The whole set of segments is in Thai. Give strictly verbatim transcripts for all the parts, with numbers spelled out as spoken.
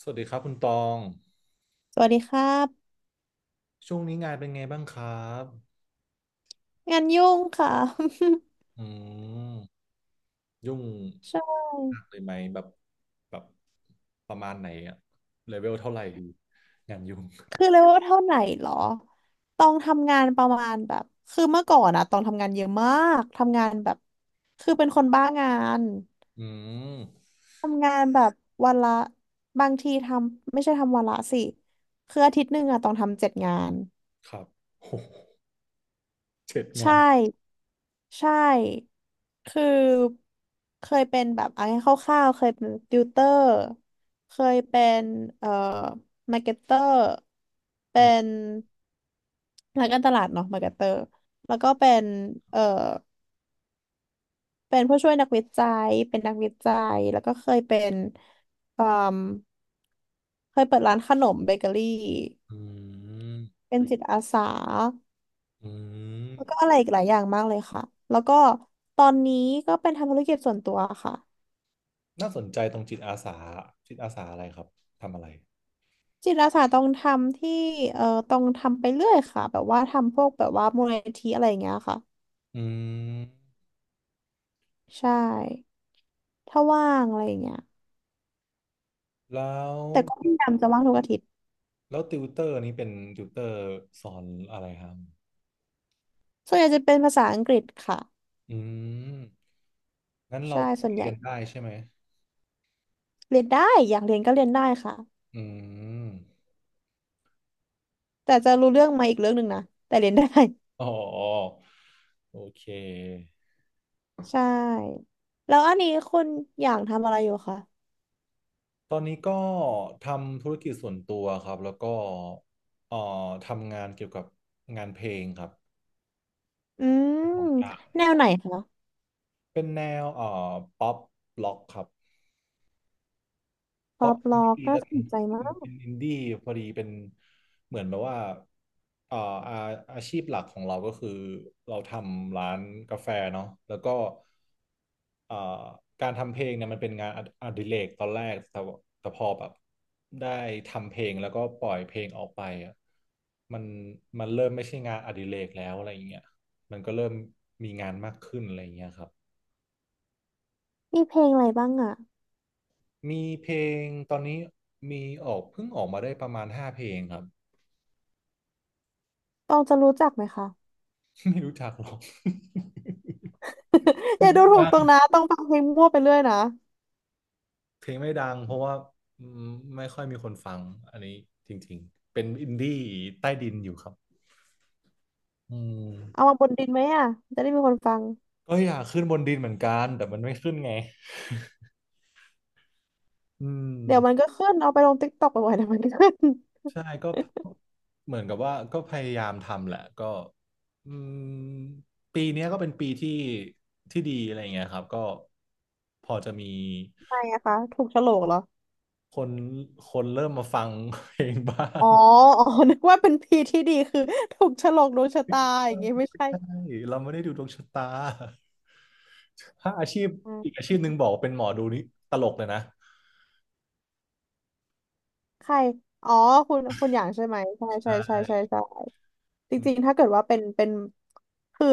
สวัสดีครับคุณตอง สวัสดีครับช่วงนี้งานเป็นไงบ้างครับงานยุ่งค่ะ อืมยุ่ง ใช่หนักเลยไหมแบบแบบประมาณไหนอะเลเวลเท่าไหร่ดี งานยุ่งคือเลเวลเท่าไหนเหรอต้องทำงานประมาณแบบคือเมื่อก่อนอะต้องทำงานเยอะมากทำงานแบบคือเป็นคนบ้างานอืมทำงานแบบวันละบางทีทำไม่ใช่ทำวันละสิคืออาทิตย์หนึ่งอะต้องทำเจ็ดงาน ครับ โหเจ็ดใชงาน่ใช่คือเคยเป็นแบบเอะงรายคร่าวๆเคยเป็นติวเตอร์เคยเป็นเอ่อมาร์เก็ตเตอร์อืเป็มนนักการตลาดเนาะมาร์เก็ตเตอร์แล้วก็เป็นเอ่อเป็นผู้ช่วยนักวิจัยเป็นนักวิจัยแล้วก็เคยเป็นเอ่มเคยเปิดร้านขนมเบเกอรี่อืมเป็นจิตอาสา อืม แล้วก็อะไรอีกหลายอย่างมากเลยค่ะแล้วก็ตอนนี้ก็เป็นทำธุรกิจส่วนตัวค่ะน่าสนใจตรงจิตอาสาจิตอาสาอะไรครับ ทำอะไร จิตอาสาต้องทำที่เอ่อต้องทำไปเรื่อยค่ะแบบว่าทำพวกแบบว่ามูลนิธิอะไรอย่างเงี้ยค่ะอืมใช่ถ้าว่างอะไรอย่างเงี้ยแล้วแต่ก็พยายามจะว่างทุกอาทิตย์แล้วติวเตอร์นี้เป็นติวเตอร์สอนอะไรครับ ส่วนใหญ่จะเป็นภาษาอังกฤษค่ะอืม งั้นเราใช่ก็ส่วนใหเรีญ่ยนได้ใช่ไหม เรียนได้อยากเรียนก็เรียนได้ค่ะอืมแต่จะรู้เรื่องมาอีกเรื่องหนึ่งนะแต่เรียนได้ อ๋อโอเค ใช่แล้วอันนี้คุณอยากทำอะไรอยู่คะตอนนี้ก็ทำธุรกิจส่วนตัวครับ แล้วก็เอ่อทำงานเกี่ยวกับงานเพลงครับอืมของกลางแนวไหนคะ เป็นแนวเอ่อป๊อปล็อกครับ ป๊อปล็อกดีน่าแล้วสกันนใจเมาก ป็นอินดี้พอดีเป็นเหมือนแบบว่าเอ่ออาอาชีพหลักของเราก็คือเราทำร้านกาแฟเนาะแล้วก็เอ่อการทำเพลงเนี่ยมันเป็นงานอดอดิเรกตอนแรกแต่ว่าแต่พอแบบได้ทำเพลงแล้วก็ปล่อยเพลงออกไปอ่ะมันมันเริ่มไม่ใช่งานอดิเรกแล้วอะไรอย่างเงี้ยมันก็เริ่มมีครับมีเพลงอะไรบ้างอ่ะมีเพลงตอนนี้มีออกเพิ่งออกมาได้ประมาณห้าเพลงครับ ต้องจะรู้จักไหมคะ ไม่รู้จักหรอก เพ อลงย่าดูไม่ถูดักตรงงนะต้องฟังเพลงมั่วไปเรื่อยนะ เพลงไม่ดังเพราะว่าอืมไม่ค่อยมีคนฟังอันนี้จริงๆเป็นอินดี้ใต้ดินอยู่ครับอืเอามมาบนดินไหมอ่ะจะได้มีคนฟัง ก็อยากขึ้นบนดินเหมือนกันแต่มันไม่ขึ้นไงอืเดี๋ยวมันมก็ขึ้น เอาไปลงติ๊กต็อกบ่อยๆเดี๋ยวมันก็ขึ้นใช่ก็เหมือนกับว่าก็พยายามทำแหละก็อืมปีเนี้ยก็เป็นปีที่ที่ดีอะไรเงี้ยครับก็พอจะมีทำไมอะคะถูกโฉลกเหรอคนคนเริ่มมาฟังเพลงบ้าอ๋งออ๋อ นึกว่าเป็นพีที่ดีคือถูกโฉลกดวงชะตาใอย่างงี้ไม่ใช่ช่เราไม่ได้ดูดวงชะตา ถ้าอาชีพอ่อีกาอาชีพหนึ่งบอกว่าเป็นหมอดูนี่ตลกเลยนะใคร อ๋อคุณคุณอย่างใช่ไหมใช่ใชใช่ใช่่ใช่ใช่จริงๆถ้าเกิดว่าเป็นเป็นคือ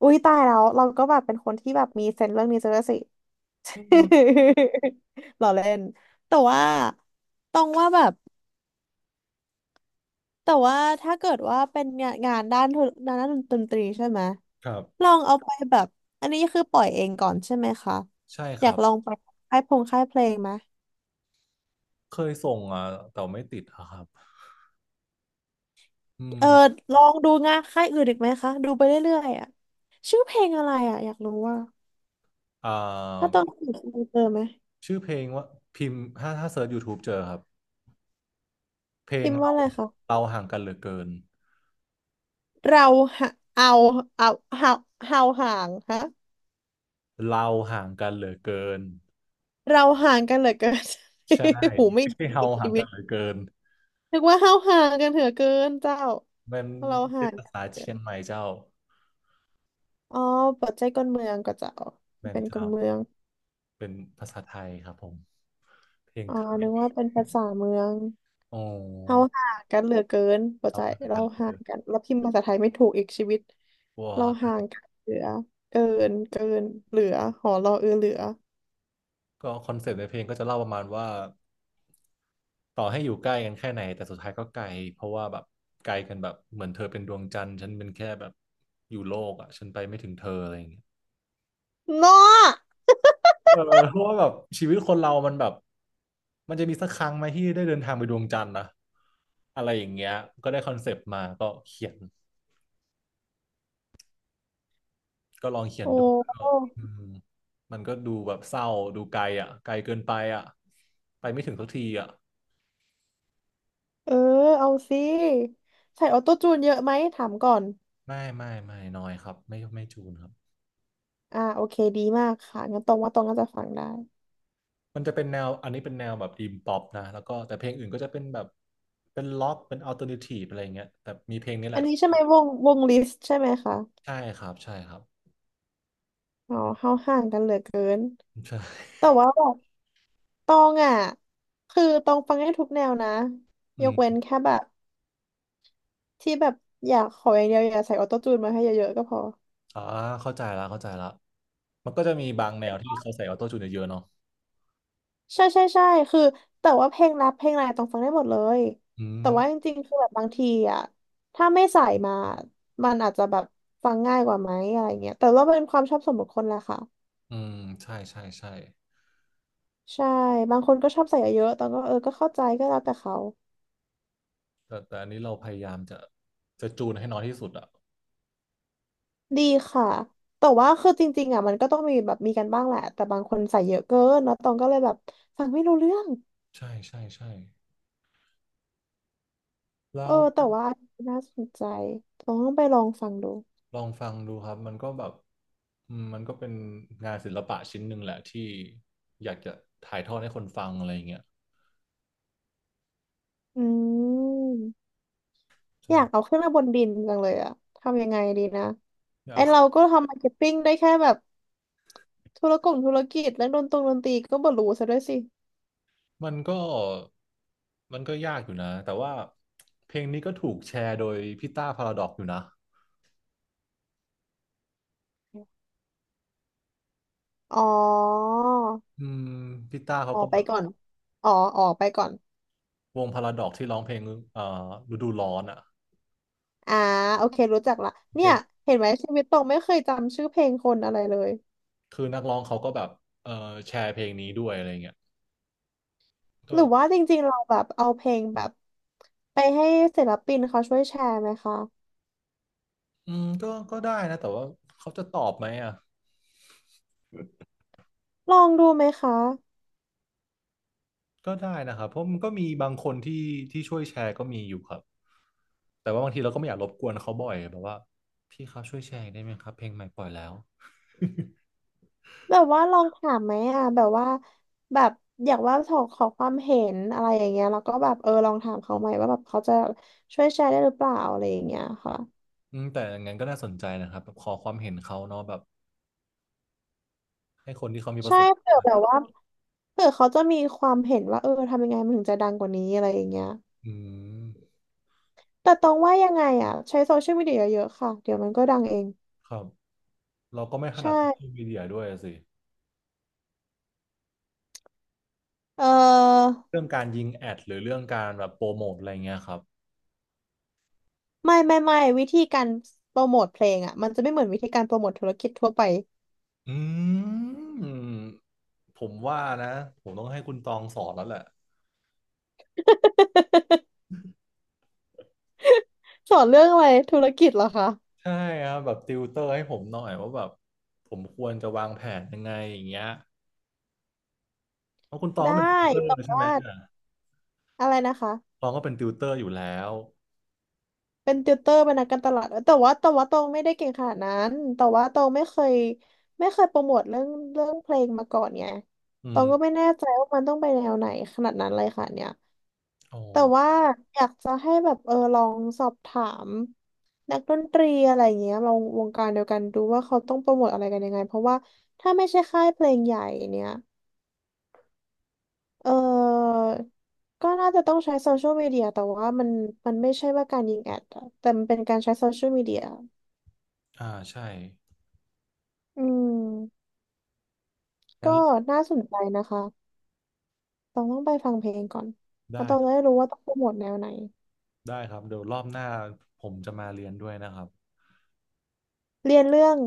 อุ้ยตายแล้วเราก็แบบเป็นคนที่แบบมีเซนส์เรื่องนี้ซะด้วยสิ อืม ล้อเล่นแต่ว่าต้องว่าแบบแต่ว่าถ้าเกิดว่าเป็นงานงานด้านธุด้านดนตรีใช่ไหมครับลองเอาไปแบบอันนี้คือปล่อยเองก่อนใช่ไหมคะใช่อคยารักบลองไปค่ายพงค่ายเพลงไหมเคยส่งอ่ะแต่ไม่ติดอะครับอืเอมอลองดูงานค่ายอื่นอีกไหมคะดูไปเรื่อยๆอ่ะชื่อเพลงอะไรอ่ะอยากรู้ว่าอ่ถ้าาต้องสืบดูเจอไหมชื่อเพลงว่าพิมพ์ถ้าถ้าเซิร์ช ยูทูบ เจอครับเพลคิงมว่าเราอะไรคะเราห่างกันเหลือเกินเราหะเอาเอาเอาเอาห่างฮะ เราห่างกันเหลือเกินเราห่างกันเหลือเกิน ใช่ หูไม่ไม่ดีใช่เราอีกห่าชีงวิกันตเหลือเกินนึกว่าเฮาห่างกันเหลือเกินเจ้ามันเราเป็ห่านงภากันเหษาลือเกิเชียงใหนม่เจ้าอ๋อปัจจัยคนเมืองก็เจ้าแม่นเป็นคเจ้านเมืองเป็นภาษาไทยครับผมเพลงอ๋อไทนึกยว่าเป็นภาษาเมืองโอเฮา้ห่างกันเหลือเกินปัจเราจัยห่างเรากันเหลือห่าเกิงนกันแล้วพิมพ์ภาษาไทยไม่ถูกอีกชีวิตว้เราา ห่างกันเหลือ เกิน เกิน เหลือหอรอเออเหลือก็คอนเซปต์ในเพลงก็จะเล่าประมาณว่าต่อให้อยู่ใกล้กันแค่ไหนแต่สุดท้ายก็ไกลเพราะว่าแบบไกลกันแบบเหมือนเธอเป็นดวงจันทร์ฉันเป็นแค่แบบอยู่โลกอ่ะฉันไปไม่ถึงเธออะไรอย่างเงี้ยเนาะเออเพราะว่าแบบชีวิตคนเรามันแบบมันจะมีสักครั้งไหมที่ได้เดินทางไปดวงจันทร์นะอะไรอย่างเงี้ยก็ได้คอนเซปต์มาก็เขียนก็ลองเขียโอนดูก็้อืมมันก็ดูแบบเศร้าดูไกลอ่ะไกลเกินไปอ่ะไปไม่ถึงสักทีอ่ะเออเอาสิใส่ออโต้จูนเยอะไหมถามก่อน ไม่ไม่ไม่น้อยครับไม่ไม่จูนครับ อ่าโอเคดีมากค่ะงั้นตรงว่าตรงก็จะฟังได้มันจะเป็นแนวอันนี้เป็นแนวแบบอีมป๊อปนะแล้วก็แต่เพลงอื่นก็จะเป็นแบบเป็นล็อกเป็นอัลเทอร์เนทีฟอะไรอย่างเงี้ยแต่มีเพลงนี้แหอัละนทนี้ใช่ไหมี่วงวงลิสต์ใช่ไหมคะใช่ครับใช่ครับ อ๋อเข้าห่างกันเหลือเกิน ใช่แต่ว่าแบบตองอ่ะคือตองฟังได้ทุกแนวนะอืยกเว้นมแค่แบบที่แบบอยากขออย่างเดียวอย่าใส่ออโต้จูนมาให้เยอะๆก็พออ่าเข้าใจละเข้าใจละมันก็จะมีบางแนวที่เขาใส่ออโต้จูนเยอะๆเนาะใช่ใช่ใช่คือแต่ว่าเพลงรักเพลงอะไรต้องฟังได้หมดเลยอืแต่มว่าจริงๆคือแบบบางทีอ่ะถ้าไม่ใส่มามันอาจจะแบบฟังง่ายกว่าไหมอะไรเงี้ยแต่ว่าเป็นความชอบส่วนบุคคลแหละค่ะ อืมใช่ใช่ใช่ใช่บางคนก็ชอบใส่เยอะๆตอนก็เออก็เข้าใจก็แล้วแต่เขาแต่แต่อันนี้เราพยายามจะจะจูนให้น้อยที่สุดอ่ะดีค่ะแต่ว่าคือจริงๆอ่ะมันก็ต้องมีแบบมีกันบ้างแหละแต่บางคนใส่เยอะเกินแล้วตองก็เลยแบบฟังไม่รู้เรื่องใช่ใช่ใช่แล้เออวแต่ว่าน่าสนใจต้องไปลองฟังดูลองฟังดูครับมันก็แบบอืมมันก็เป็นงานศิลปะชิ้นหนึ่งแหละที่อยากจะถ่ายทอดให้คนฟังอะไรอย่างเงี้ย อืมอยากใช่เอาขึ้นมาบนดินจังเลยอะทำยังไงดีนะไอเราก็ทำมาร์เก็ตติ้งได้แค่แบบธุรกงธุรกิจและดนตรงดนตรีก็บ่รู้ซะด้วยสิมันก็ มันก็ยากอยู่นะ แต่ว่าเพลงนี้ก็ถูกแชร์โดยพี่ต้าพาราดอกอยู่นะอ๋ออืมพี่ต้าเขาออก็กไปแบบก่อนอ๋อออกไปก่อน วงพาราดอกที่ร้องเพลงเอ่อฤดูร้อนอ่ะอ่าโอเครู้จักละโอเคเนี่ยนะเห็นไหมชีวิตตรงไม่เคยจำชื่อเพลงคนอะไรเลยคือนักร้องเขาก็แบบเอ่อแชร์เพลงนี้ด้วยอะไรเงี้ยหก็รือว่าจริงๆเราแบบเอาเพลงแบบไปให้ศิลปินเขาช่วยแชร์ไหมคะอืมก็ก็ได้นะ แต่ว่าเขาจะตอบไหมอ่ะลองดูไหมคะก็ได้นะครับเพราะมันก็มีบางคนที่ที่ช่วยแชร์ก็มีอยู่ครับแต่ว่าบางทีเราก็ไม่อยากรบกวนเขาบ่อยแบบว่าพี่ครับช่วยแชร์ได้ไหมครับเพลงใหม่ปล่อยแล้ว แบบว่าลองถามไหมอ่ะแบบว่าแบบอยากว่าขอขอความเห็นอะไรอย่างเงี้ยแล้วก็แบบเออลองถามเขาไหมว่าแบบเขาจะช่วยแชร์ได้หรือเปล่าอะไรอย่างเงี้ยค่ะอืมแต่อย่างนั้นก็น่าสนใจนะครับแบบขอความเห็นเขาเนาะแบบให้คนที่เขามีประใช่สบเผื่อแบบว่าเผื่อเขาจะมีความเห็นว่าเออทำยังไงมันถึงจะดังกว่านี้อะไรอย่างเงี้ย อืมแต่ตองว่ายังไงอ่ะใช้โซเชียลมีเดียเยอะๆค่ะเดี๋ยวมันก็ดังเองครับเราก็ไม่ถนัใช่ดโซเชียลมีเดียด้วยสิเออเรื่องการยิงแอดหรือเรื่องการแบบโปรโมทอะไรเงี้ยครับไม่ไม่ไม่วิธีการโปรโมทเพลงอ่ะมันจะไม่เหมือนวิธีการโปรโมทธุรกิจทั่วไปอืมผมว่านะผมต้องให้คุณตองสอนแล้วแหละสอนเรื่องอะไรธุรกิจเหรอคะใช่ครับแบบติวเตอร์ให้ผมหน่อยว่าแบบผมควรจะวางแผนยังไงอย่างเงี้ยเพราะคุณตองได้ก็เป็นติวเตอร์แต่ใช่ไหมว่าอ่ะอะไรนะคะตองก็เป็นติวเตอร์อยู่แล้วเป็นติวเตอร์เป็นนักการตลาดเอยแต่ว่าแต่ว่าตองไม่ได้เก่งขนาดนั้นแต่ว่าตองไม่เคยไม่เคยโปรโมทเรื่องเรื่องเพลงมาก่อนไงอืตองก็ไม่มแน่ใจว่ามันต้องไปแนวไหนขนาดนั้นเลยค่ะเนี่ย อ๋อแต่ว่าอยากจะให้แบบเออลองสอบถามนักดนตรีอะไรอย่างเงี้ยเราวงการเดียวกันดูว่าเขาต้องโปรโมทอะไรกันยังไงเพราะว่าถ้าไม่ใช่ค่ายเพลงใหญ่เนี่ยเออก็น่าจะต้องใช้โซเชียลมีเดียแต่ว่ามันมันไม่ใช่ว่าการยิงแอดอะแต่มันเป็นการใช้โซเชียลมีเดียอ่าใช่อืมก็งั้นน่าสนใจนะคะต้องต้องไปฟังเพลงก่อนแล้วได้ ต้องจะได้รู้ว่าต้องโปรโมทแนวไหนได้ครับเดี๋ยวรอบหน้าผมจะมาเรียนด้วยนะครับเรียนเรื่อง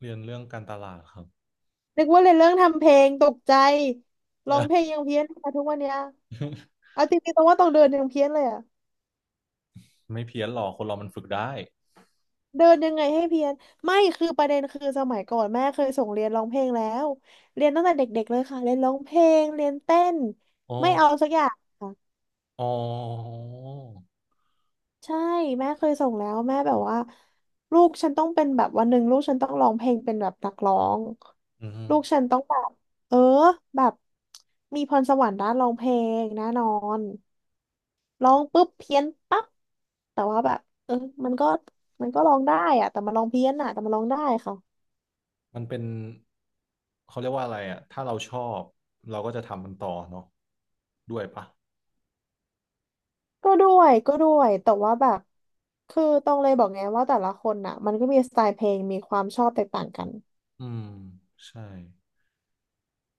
เรียนเรื่องการตลาดครับ นึกว่าเรียนเรื่องทำเพลงตกใจร้องเพลงยังเพี้ยนมาทุกวันเนี้ย เอาจริงๆตรงว่าตองเดินยังเพี้ยนเลยอะไม่เพี้ยนหรอกคนเรามันฝึกได้เดินยังไงให้เพี้ยนไม่คือประเด็นคือสมัยก่อนแม่เคยส่งเรียนร้องเพลงแล้วเรียนตั้งแต่เด็กๆเลยค่ะเรียนร้องเพลงเรียนเต้นอ๋อไม่เอาสักอย่างค่ะ อ๋อใช่แม่เคยส่งแล้วแม่แบบว่าลูกฉันต้องเป็นแบบวันหนึ่งลูกฉันต้องร้องเพลงเป็นแบบนักร้องอืลูกฉันมต้องแบบเออแบบมีพรสวรรค์ด้านร้องเพลงแน่นอนร้องปุ๊บเพี้ยนปั๊บแต่ว่าแบบเออมันก็มันก็ร้องได้อะแต่มันร้องเพี้ยนอะแต่มันร้องได้ค่ะมันเป็นเขาเรียกว่าอะไรอ่ะถ้าเราชอบเราก็จะทำมันต่อเนาะด้วยปะก็ด้วยก็ด้วยแต่ว่าแบบคือต้องเลยบอกไงว่าแต่ละคนน่ะมันก็มีสไตล์เพลงมีความชอบแตกต่างกัน อืมใช่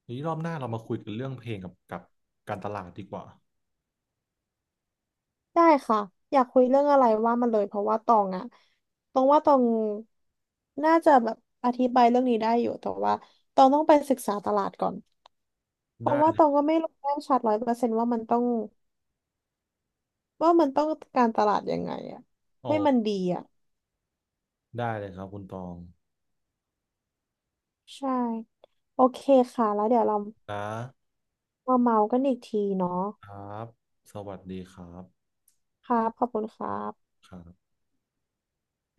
ทีนี้รอบหน้าเรามาคุยกันเรื่องเพลงกับกับการตลาดดีกว่าได้ค่ะอยากคุยเรื่องอะไรว่ามาเลยเพราะว่าตองอะตองว่าตองน่าจะแบบอธิบายเรื่องนี้ได้อยู่แต่ว่าตองต้องไปศึกษาตลาดก่อนเพราะได้ว่าเลตองยก็ไม่รู้แน่ชัดร้อยเปอร์เซนต์ว่ามันต้องว่ามันต้องการตลาดยังไงอะอ๋อให้มันดีอะได้เลยครับคุณตองใช่โอเคค่ะแล้วเดี๋ยวเรานะมาเมากันอีกทีเนาะครับสวัสดีครับครับขอบคุณครับครับ